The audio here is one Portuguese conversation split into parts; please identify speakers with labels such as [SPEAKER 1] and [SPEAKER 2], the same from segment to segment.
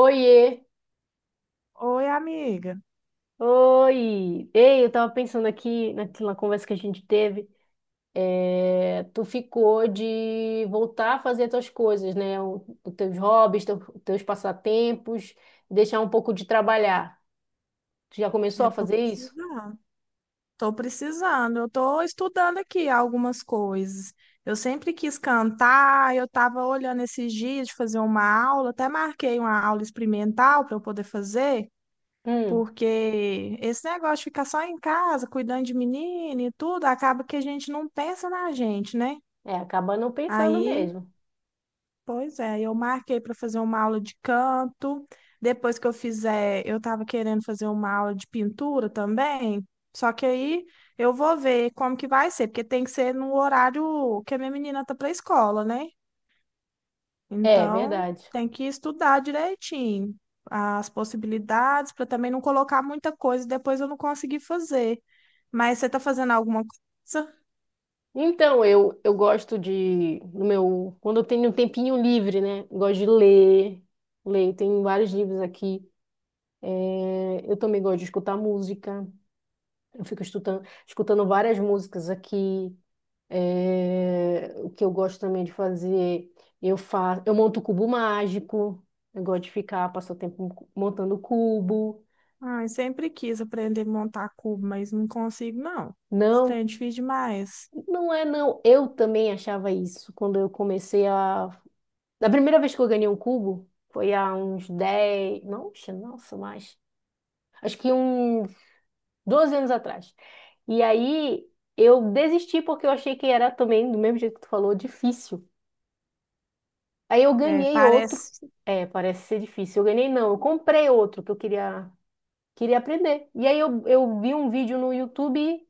[SPEAKER 1] Oiê!
[SPEAKER 2] Oi, amiga.
[SPEAKER 1] Oi! Ei, eu tava pensando aqui naquela conversa que a gente teve. Tu ficou de voltar a fazer tuas coisas, né? Os teus hobbies, teus passatempos, deixar um pouco de trabalhar. Tu já começou
[SPEAKER 2] Eu
[SPEAKER 1] a
[SPEAKER 2] tô
[SPEAKER 1] fazer isso?
[SPEAKER 2] precisando. Tô precisando. Eu tô estudando aqui algumas coisas. Eu sempre quis cantar, eu tava olhando esses dias de fazer uma aula, até marquei uma aula experimental para eu poder fazer,
[SPEAKER 1] Hum,
[SPEAKER 2] porque esse negócio de ficar só em casa, cuidando de menino e tudo, acaba que a gente não pensa na gente, né?
[SPEAKER 1] é, acaba não pensando
[SPEAKER 2] Aí.
[SPEAKER 1] mesmo.
[SPEAKER 2] Pois é, eu marquei para fazer uma aula de canto. Depois que eu fizer, eu estava querendo fazer uma aula de pintura também. Só que aí eu vou ver como que vai ser, porque tem que ser no horário que a minha menina tá para a escola, né?
[SPEAKER 1] É,
[SPEAKER 2] Então,
[SPEAKER 1] verdade.
[SPEAKER 2] tem que estudar direitinho as possibilidades para também não colocar muita coisa e depois eu não conseguir fazer. Mas você tá fazendo alguma coisa?
[SPEAKER 1] Então, eu gosto de, no meu, quando eu tenho um tempinho livre, né? Gosto de ler, tem vários livros aqui. É, eu também gosto de escutar música. Eu fico escutando várias músicas aqui. É, o que eu gosto também de fazer, eu monto cubo mágico. Eu gosto de ficar, passar o tempo montando cubo.
[SPEAKER 2] Ai, sempre quis aprender a montar cubo, mas não consigo, não. Isso
[SPEAKER 1] Não,
[SPEAKER 2] é difícil demais.
[SPEAKER 1] não é não. Eu também achava isso quando eu comecei a. Da primeira vez que eu ganhei um cubo, foi há uns 10. Nossa, nossa, mais. Acho que uns 12 anos atrás. E aí eu desisti porque eu achei que era também, do mesmo jeito que tu falou, difícil. Aí eu
[SPEAKER 2] É,
[SPEAKER 1] ganhei outro.
[SPEAKER 2] parece.
[SPEAKER 1] É, parece ser difícil. Eu ganhei não, eu comprei outro que eu queria aprender. E aí eu vi um vídeo no YouTube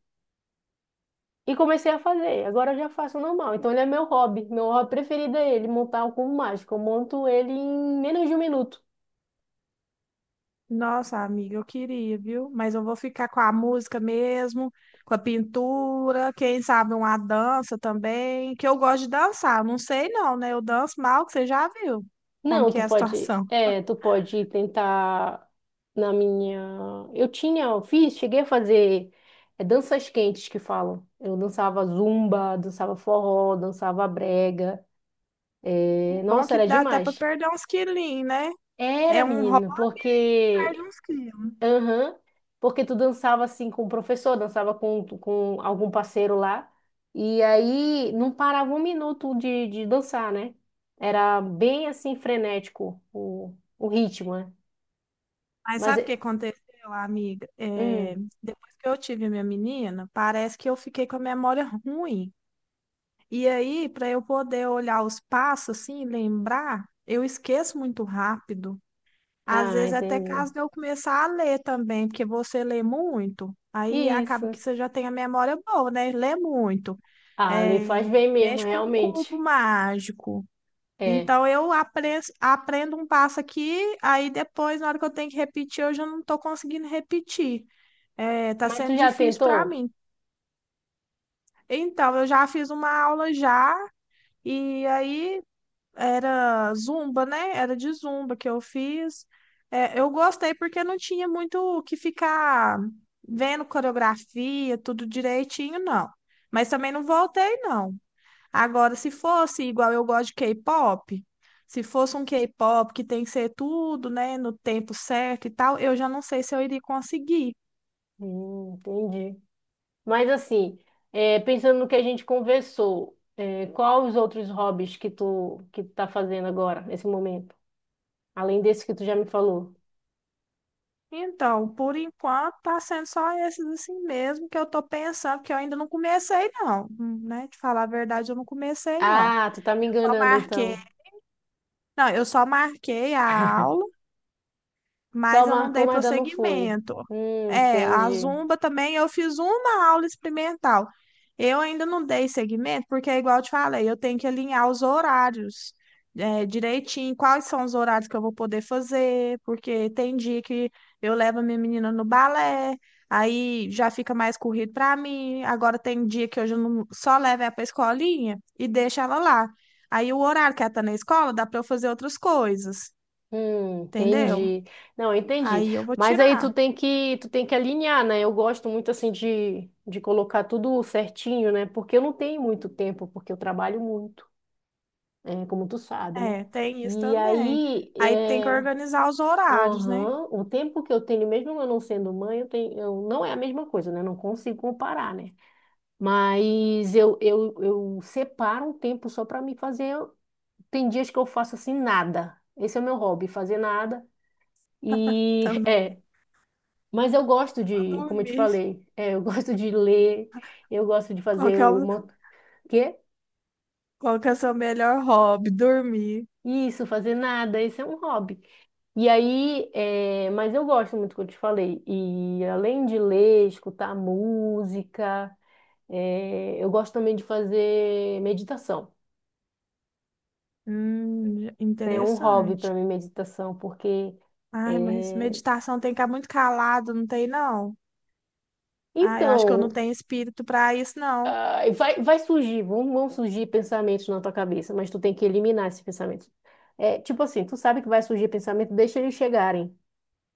[SPEAKER 1] e comecei a fazer. Agora eu já faço normal. Então ele é meu hobby. Meu hobby preferido é ele, montar o cubo mágico. Eu monto ele em menos de um minuto.
[SPEAKER 2] Nossa, amiga, eu queria, viu? Mas eu vou ficar com a música mesmo, com a pintura, quem sabe uma dança também, que eu gosto de dançar. Não sei não, né? Eu danço mal, que você já viu como
[SPEAKER 1] Não,
[SPEAKER 2] que
[SPEAKER 1] tu
[SPEAKER 2] é a
[SPEAKER 1] pode,
[SPEAKER 2] situação.
[SPEAKER 1] tu pode tentar na minha. Eu fiz, cheguei a fazer danças quentes que falam. Eu dançava zumba, dançava forró, dançava brega. É,
[SPEAKER 2] Bom
[SPEAKER 1] nossa,
[SPEAKER 2] que
[SPEAKER 1] era
[SPEAKER 2] dá até para
[SPEAKER 1] demais.
[SPEAKER 2] perder uns quilinhos, né? É
[SPEAKER 1] Era,
[SPEAKER 2] um hobby
[SPEAKER 1] menina,
[SPEAKER 2] que perde
[SPEAKER 1] porque,
[SPEAKER 2] uns quilos.
[SPEAKER 1] aham, porque tu dançava assim com o professor, dançava com algum parceiro lá. E aí não parava um minuto de dançar, né? Era bem assim frenético o ritmo, né?
[SPEAKER 2] Mas
[SPEAKER 1] Mas,
[SPEAKER 2] sabe o que
[SPEAKER 1] é-
[SPEAKER 2] aconteceu, amiga? É,
[SPEAKER 1] hum,
[SPEAKER 2] depois que eu tive minha menina, parece que eu fiquei com a memória ruim. E aí, para eu poder olhar os passos assim, lembrar, eu esqueço muito rápido. Às
[SPEAKER 1] ah,
[SPEAKER 2] vezes, até
[SPEAKER 1] entendi.
[SPEAKER 2] caso de eu começar a ler também, porque você lê muito, aí acaba
[SPEAKER 1] Isso.
[SPEAKER 2] que você já tem a memória boa, né? Lê muito.
[SPEAKER 1] Ah, ali
[SPEAKER 2] É,
[SPEAKER 1] faz bem mesmo,
[SPEAKER 2] mexe com um
[SPEAKER 1] realmente.
[SPEAKER 2] cubo mágico.
[SPEAKER 1] É.
[SPEAKER 2] Então, aprendo um passo aqui, aí depois, na hora que eu tenho que repetir, eu já não estou conseguindo repetir. É, tá
[SPEAKER 1] Mas
[SPEAKER 2] sendo
[SPEAKER 1] tu já
[SPEAKER 2] difícil para
[SPEAKER 1] tentou?
[SPEAKER 2] mim. Então, eu já fiz uma aula já. E aí, era zumba, né? Era de zumba que eu fiz. É, eu gostei porque não tinha muito o que ficar vendo coreografia, tudo direitinho, não. Mas também não voltei, não. Agora, se fosse igual eu gosto de K-pop, se fosse um K-pop que tem que ser tudo, né, no tempo certo e tal, eu já não sei se eu iria conseguir.
[SPEAKER 1] Entendi. Mas assim, pensando no que a gente conversou, é, qual os outros hobbies que tu tá fazendo agora, nesse momento? Além desse que tu já me falou.
[SPEAKER 2] Então, por enquanto, tá sendo só esses assim mesmo que eu tô pensando, que eu ainda não comecei, não, né? Te falar a verdade, eu não comecei, não.
[SPEAKER 1] Ah, tu tá me
[SPEAKER 2] Eu só
[SPEAKER 1] enganando
[SPEAKER 2] marquei,
[SPEAKER 1] então.
[SPEAKER 2] não, eu só marquei a aula,
[SPEAKER 1] Só
[SPEAKER 2] mas eu não
[SPEAKER 1] marcou,
[SPEAKER 2] dei
[SPEAKER 1] mas ainda não foi.
[SPEAKER 2] prosseguimento. É, a
[SPEAKER 1] Entendi.
[SPEAKER 2] Zumba também eu fiz uma aula experimental. Eu ainda não dei seguimento, porque é igual eu te falei, eu tenho que alinhar os horários, é, direitinho, quais são os horários que eu vou poder fazer, porque tem dia que eu levo a minha menina no balé, aí já fica mais corrido para mim. Agora tem dia que eu já não- só levo ela para escolinha e deixo ela lá. Aí o horário que ela tá na escola dá para eu fazer outras coisas, entendeu?
[SPEAKER 1] Entendi. Não, entendi.
[SPEAKER 2] Aí eu vou
[SPEAKER 1] Mas aí
[SPEAKER 2] tirar.
[SPEAKER 1] tu tem que alinhar, né? Eu gosto muito assim de colocar tudo certinho, né? Porque eu não tenho muito tempo, porque eu trabalho muito, é, como tu sabe, né?
[SPEAKER 2] É, tem isso
[SPEAKER 1] E
[SPEAKER 2] também.
[SPEAKER 1] aí,
[SPEAKER 2] Aí tem que
[SPEAKER 1] é,
[SPEAKER 2] organizar os horários, né?
[SPEAKER 1] aham, o tempo que eu tenho, mesmo eu não sendo mãe, eu tenho, eu, não é a mesma coisa, né? Eu não consigo comparar, né? Mas eu separo um tempo só para me fazer. Tem dias que eu faço assim nada. Esse é o meu hobby, fazer nada. E
[SPEAKER 2] Também
[SPEAKER 1] é, mas eu gosto
[SPEAKER 2] pra
[SPEAKER 1] de, como eu te
[SPEAKER 2] dormir.
[SPEAKER 1] falei, é, eu gosto de ler, eu gosto de
[SPEAKER 2] Qual que
[SPEAKER 1] fazer
[SPEAKER 2] é o,
[SPEAKER 1] uma quê?
[SPEAKER 2] qual que é o seu melhor hobby? Dormir.
[SPEAKER 1] Isso, fazer nada, isso é um hobby. E aí, é, mas eu gosto muito do que eu te falei. E além de ler, escutar música, é, eu gosto também de fazer meditação. É um hobby
[SPEAKER 2] Interessante.
[SPEAKER 1] para mim meditação, porque
[SPEAKER 2] Ai, mas
[SPEAKER 1] é,
[SPEAKER 2] meditação tem que ficar muito calado, não tem, não? Ah, eu acho que eu não
[SPEAKER 1] então
[SPEAKER 2] tenho espírito para isso, não.
[SPEAKER 1] Ah, e vai surgir, vão surgir pensamentos na tua cabeça, mas tu tem que eliminar esses pensamentos. É, tipo assim, tu sabe que vai surgir pensamento, deixa eles chegarem,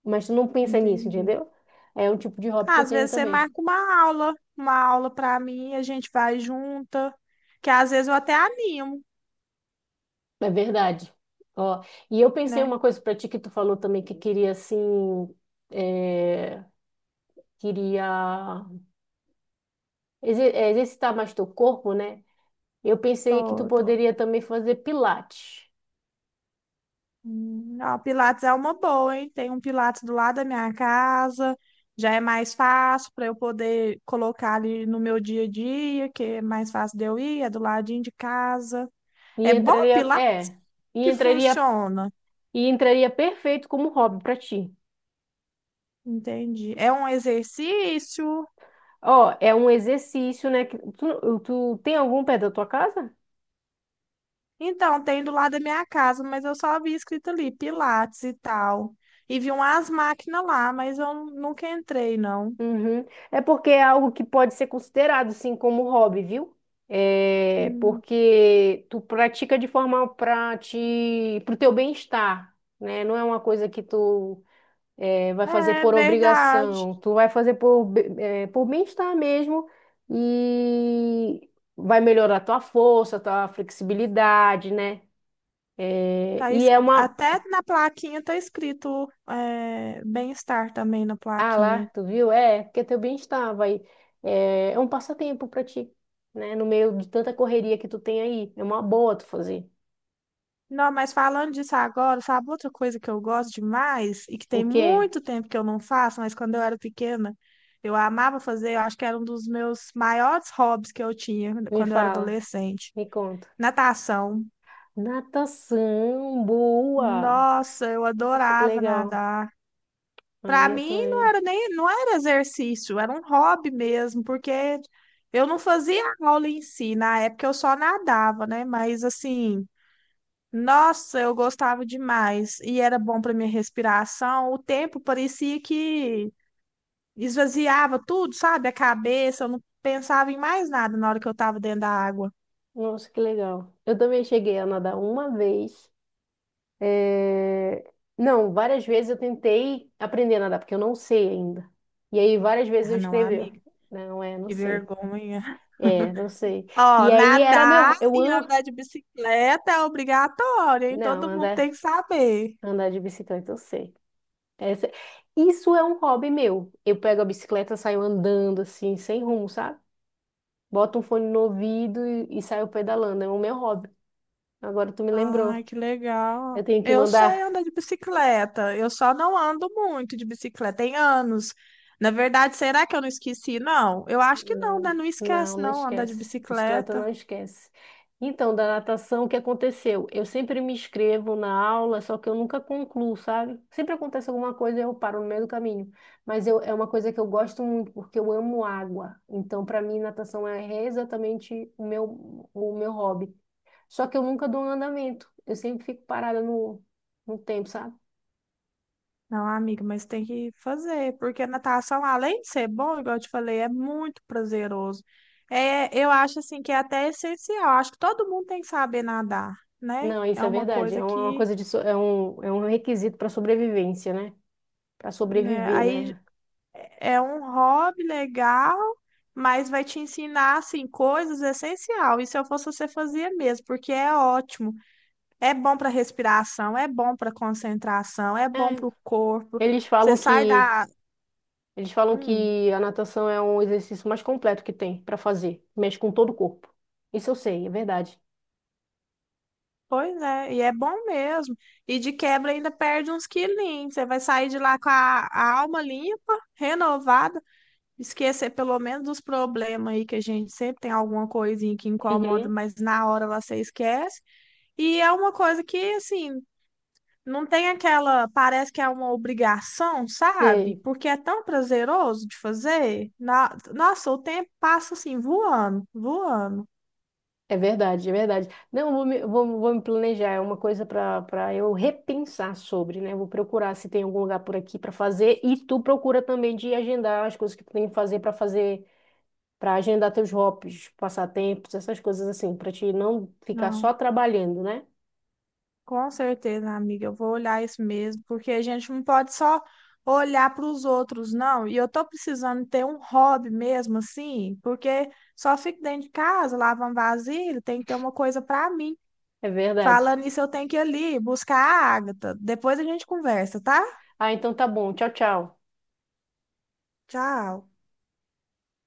[SPEAKER 1] mas tu não pensa nisso,
[SPEAKER 2] Entendi.
[SPEAKER 1] entendeu? É um tipo de hobby
[SPEAKER 2] Ah,
[SPEAKER 1] que eu
[SPEAKER 2] às
[SPEAKER 1] tenho
[SPEAKER 2] vezes você
[SPEAKER 1] também.
[SPEAKER 2] marca uma aula para mim, a gente vai junta, que às vezes eu até animo,
[SPEAKER 1] É verdade. Ó, e eu pensei
[SPEAKER 2] né?
[SPEAKER 1] uma coisa pra ti que tu falou também que queria assim, é, queria exercitar mais teu corpo, né? Eu pensei que tu
[SPEAKER 2] Tô, tô.
[SPEAKER 1] poderia também fazer pilates.
[SPEAKER 2] Ó, Pilates é uma boa, hein? Tem um Pilates do lado da minha casa, já é mais fácil para eu poder colocar ali no meu dia a dia, que é mais fácil de eu ir, é do ladinho de casa.
[SPEAKER 1] E
[SPEAKER 2] É bom
[SPEAKER 1] entraria,
[SPEAKER 2] Pilates
[SPEAKER 1] é, e
[SPEAKER 2] que
[SPEAKER 1] entraria
[SPEAKER 2] funciona,
[SPEAKER 1] e entraria perfeito como hobby pra ti.
[SPEAKER 2] entendi. É um exercício.
[SPEAKER 1] Ó, é um exercício, né? Tu, tu tem algum perto da tua casa?
[SPEAKER 2] Então, tem do lado da minha casa, mas eu só vi escrito ali Pilates e tal. E vi umas máquinas lá, mas eu nunca entrei, não.
[SPEAKER 1] Uhum. É porque é algo que pode ser considerado, sim, como hobby, viu? É
[SPEAKER 2] Hum,
[SPEAKER 1] porque tu pratica de forma para te, pro teu bem-estar, né? Não é uma coisa que vai fazer
[SPEAKER 2] é
[SPEAKER 1] por
[SPEAKER 2] verdade.
[SPEAKER 1] obrigação. Tu vai fazer por bem-estar mesmo e vai melhorar tua força, tua flexibilidade, né? É, e é uma
[SPEAKER 2] Até na plaquinha tá escrito é, bem-estar também na
[SPEAKER 1] ah, lá,
[SPEAKER 2] plaquinha.
[SPEAKER 1] tu viu? É, porque teu bem-estar vai. É, é um passatempo pra ti, né? No meio de tanta correria que tu tem aí. É uma boa tu fazer.
[SPEAKER 2] Não, mas falando disso agora, sabe outra coisa que eu gosto demais e que
[SPEAKER 1] O
[SPEAKER 2] tem
[SPEAKER 1] quê?
[SPEAKER 2] muito tempo que eu não faço, mas quando eu era pequena, eu amava fazer, eu acho que era um dos meus maiores hobbies que eu tinha
[SPEAKER 1] Me
[SPEAKER 2] quando eu era
[SPEAKER 1] fala,
[SPEAKER 2] adolescente.
[SPEAKER 1] me conta.
[SPEAKER 2] Natação.
[SPEAKER 1] Natação, boa!
[SPEAKER 2] Nossa, eu
[SPEAKER 1] Nossa, que
[SPEAKER 2] adorava
[SPEAKER 1] legal.
[SPEAKER 2] nadar. Para
[SPEAKER 1] Aí eu
[SPEAKER 2] mim não
[SPEAKER 1] também.
[SPEAKER 2] era nem, não era exercício, era um hobby mesmo, porque eu não fazia aula em si, na época eu só nadava, né? Mas assim, nossa, eu gostava demais e era bom para minha respiração. O tempo parecia que esvaziava tudo, sabe? A cabeça, eu não pensava em mais nada na hora que eu estava dentro da água.
[SPEAKER 1] Nossa, que legal. Eu também cheguei a nadar uma vez. É, não, várias vezes eu tentei aprender a nadar, porque eu não sei ainda. E aí várias vezes
[SPEAKER 2] Ah,
[SPEAKER 1] eu
[SPEAKER 2] não,
[SPEAKER 1] escrevi.
[SPEAKER 2] amiga,
[SPEAKER 1] Não é, não
[SPEAKER 2] que
[SPEAKER 1] sei.
[SPEAKER 2] vergonha.
[SPEAKER 1] É, não sei. E
[SPEAKER 2] Ó,
[SPEAKER 1] aí era
[SPEAKER 2] nadar
[SPEAKER 1] meu. Eu
[SPEAKER 2] e
[SPEAKER 1] amo.
[SPEAKER 2] andar de bicicleta é obrigatório, hein?
[SPEAKER 1] Não,
[SPEAKER 2] Todo mundo tem que saber.
[SPEAKER 1] andar de bicicleta, eu sei. Essa- Isso é um hobby meu. Eu pego a bicicleta, saio andando assim, sem rumo, sabe? Boto um fone no ouvido e saio pedalando. É o meu hobby. Agora tu me lembrou.
[SPEAKER 2] Ai, que legal.
[SPEAKER 1] Eu tenho que
[SPEAKER 2] Eu sei
[SPEAKER 1] mandar
[SPEAKER 2] andar de bicicleta, eu só não ando muito de bicicleta, tem anos. Na verdade, será que eu não esqueci? Não, eu acho que não, né?
[SPEAKER 1] não,
[SPEAKER 2] Não
[SPEAKER 1] não,
[SPEAKER 2] esquece,
[SPEAKER 1] não
[SPEAKER 2] não, andar de
[SPEAKER 1] esquece. Bicicleta não
[SPEAKER 2] bicicleta.
[SPEAKER 1] esquece. Então, da natação, o que aconteceu? Eu sempre me inscrevo na aula, só que eu nunca concluo, sabe? Sempre acontece alguma coisa e eu paro no meio do caminho. Mas eu, é uma coisa que eu gosto muito, porque eu amo água. Então, para mim, natação é exatamente o meu hobby. Só que eu nunca dou um andamento. Eu sempre fico parada no tempo, sabe?
[SPEAKER 2] Não, amiga, mas tem que fazer, porque a natação, além de ser bom, igual eu te falei, é muito prazeroso. É, eu acho, assim, que é até essencial. Acho que todo mundo tem que saber nadar, né?
[SPEAKER 1] Não, isso
[SPEAKER 2] É
[SPEAKER 1] é
[SPEAKER 2] uma
[SPEAKER 1] verdade.
[SPEAKER 2] coisa
[SPEAKER 1] É uma
[SPEAKER 2] que,
[SPEAKER 1] coisa de, é é um requisito para sobrevivência, né? Para
[SPEAKER 2] né?
[SPEAKER 1] sobreviver,
[SPEAKER 2] Aí
[SPEAKER 1] né?
[SPEAKER 2] é um hobby legal, mas vai te ensinar assim coisas essencial. E se eu fosse você fazia mesmo, porque é ótimo. É bom para respiração, é bom para concentração, é bom
[SPEAKER 1] É.
[SPEAKER 2] para o corpo.
[SPEAKER 1] Eles
[SPEAKER 2] Você
[SPEAKER 1] falam
[SPEAKER 2] sai
[SPEAKER 1] que
[SPEAKER 2] da
[SPEAKER 1] eles falam
[SPEAKER 2] Hum,
[SPEAKER 1] que a natação é um exercício mais completo que tem para fazer, mexe com todo o corpo. Isso eu sei, é verdade.
[SPEAKER 2] pois é, e é bom mesmo. E de quebra ainda perde uns quilinhos. Você vai sair de lá com a alma limpa, renovada, esquecer pelo menos dos problemas aí que a gente sempre tem alguma coisinha que incomoda,
[SPEAKER 1] Uhum.
[SPEAKER 2] mas na hora lá você esquece. E é uma coisa que, assim, não tem aquela. Parece que é uma obrigação, sabe?
[SPEAKER 1] Sei,
[SPEAKER 2] Porque é tão prazeroso de fazer. Nossa, o tempo passa assim, voando, voando.
[SPEAKER 1] é verdade, é verdade. Não, eu vou, vou me planejar, é uma coisa para eu repensar sobre, né? Vou procurar se tem algum lugar por aqui para fazer e tu procura também de agendar as coisas que tu tem que fazer para fazer, para agendar teus hobbies, passatempos, essas coisas assim, para te não ficar só
[SPEAKER 2] Não,
[SPEAKER 1] trabalhando, né?
[SPEAKER 2] com certeza, amiga. Eu vou olhar isso mesmo, porque a gente não pode só olhar para os outros, não. E eu tô precisando ter um hobby mesmo, assim, porque só fico dentro de casa, lavando vasilha, tem que ter uma coisa para mim.
[SPEAKER 1] É verdade.
[SPEAKER 2] Falando isso eu tenho que ir ali buscar a Agatha. Depois a gente conversa, tá?
[SPEAKER 1] Ah, então tá bom. Tchau, tchau.
[SPEAKER 2] Tchau.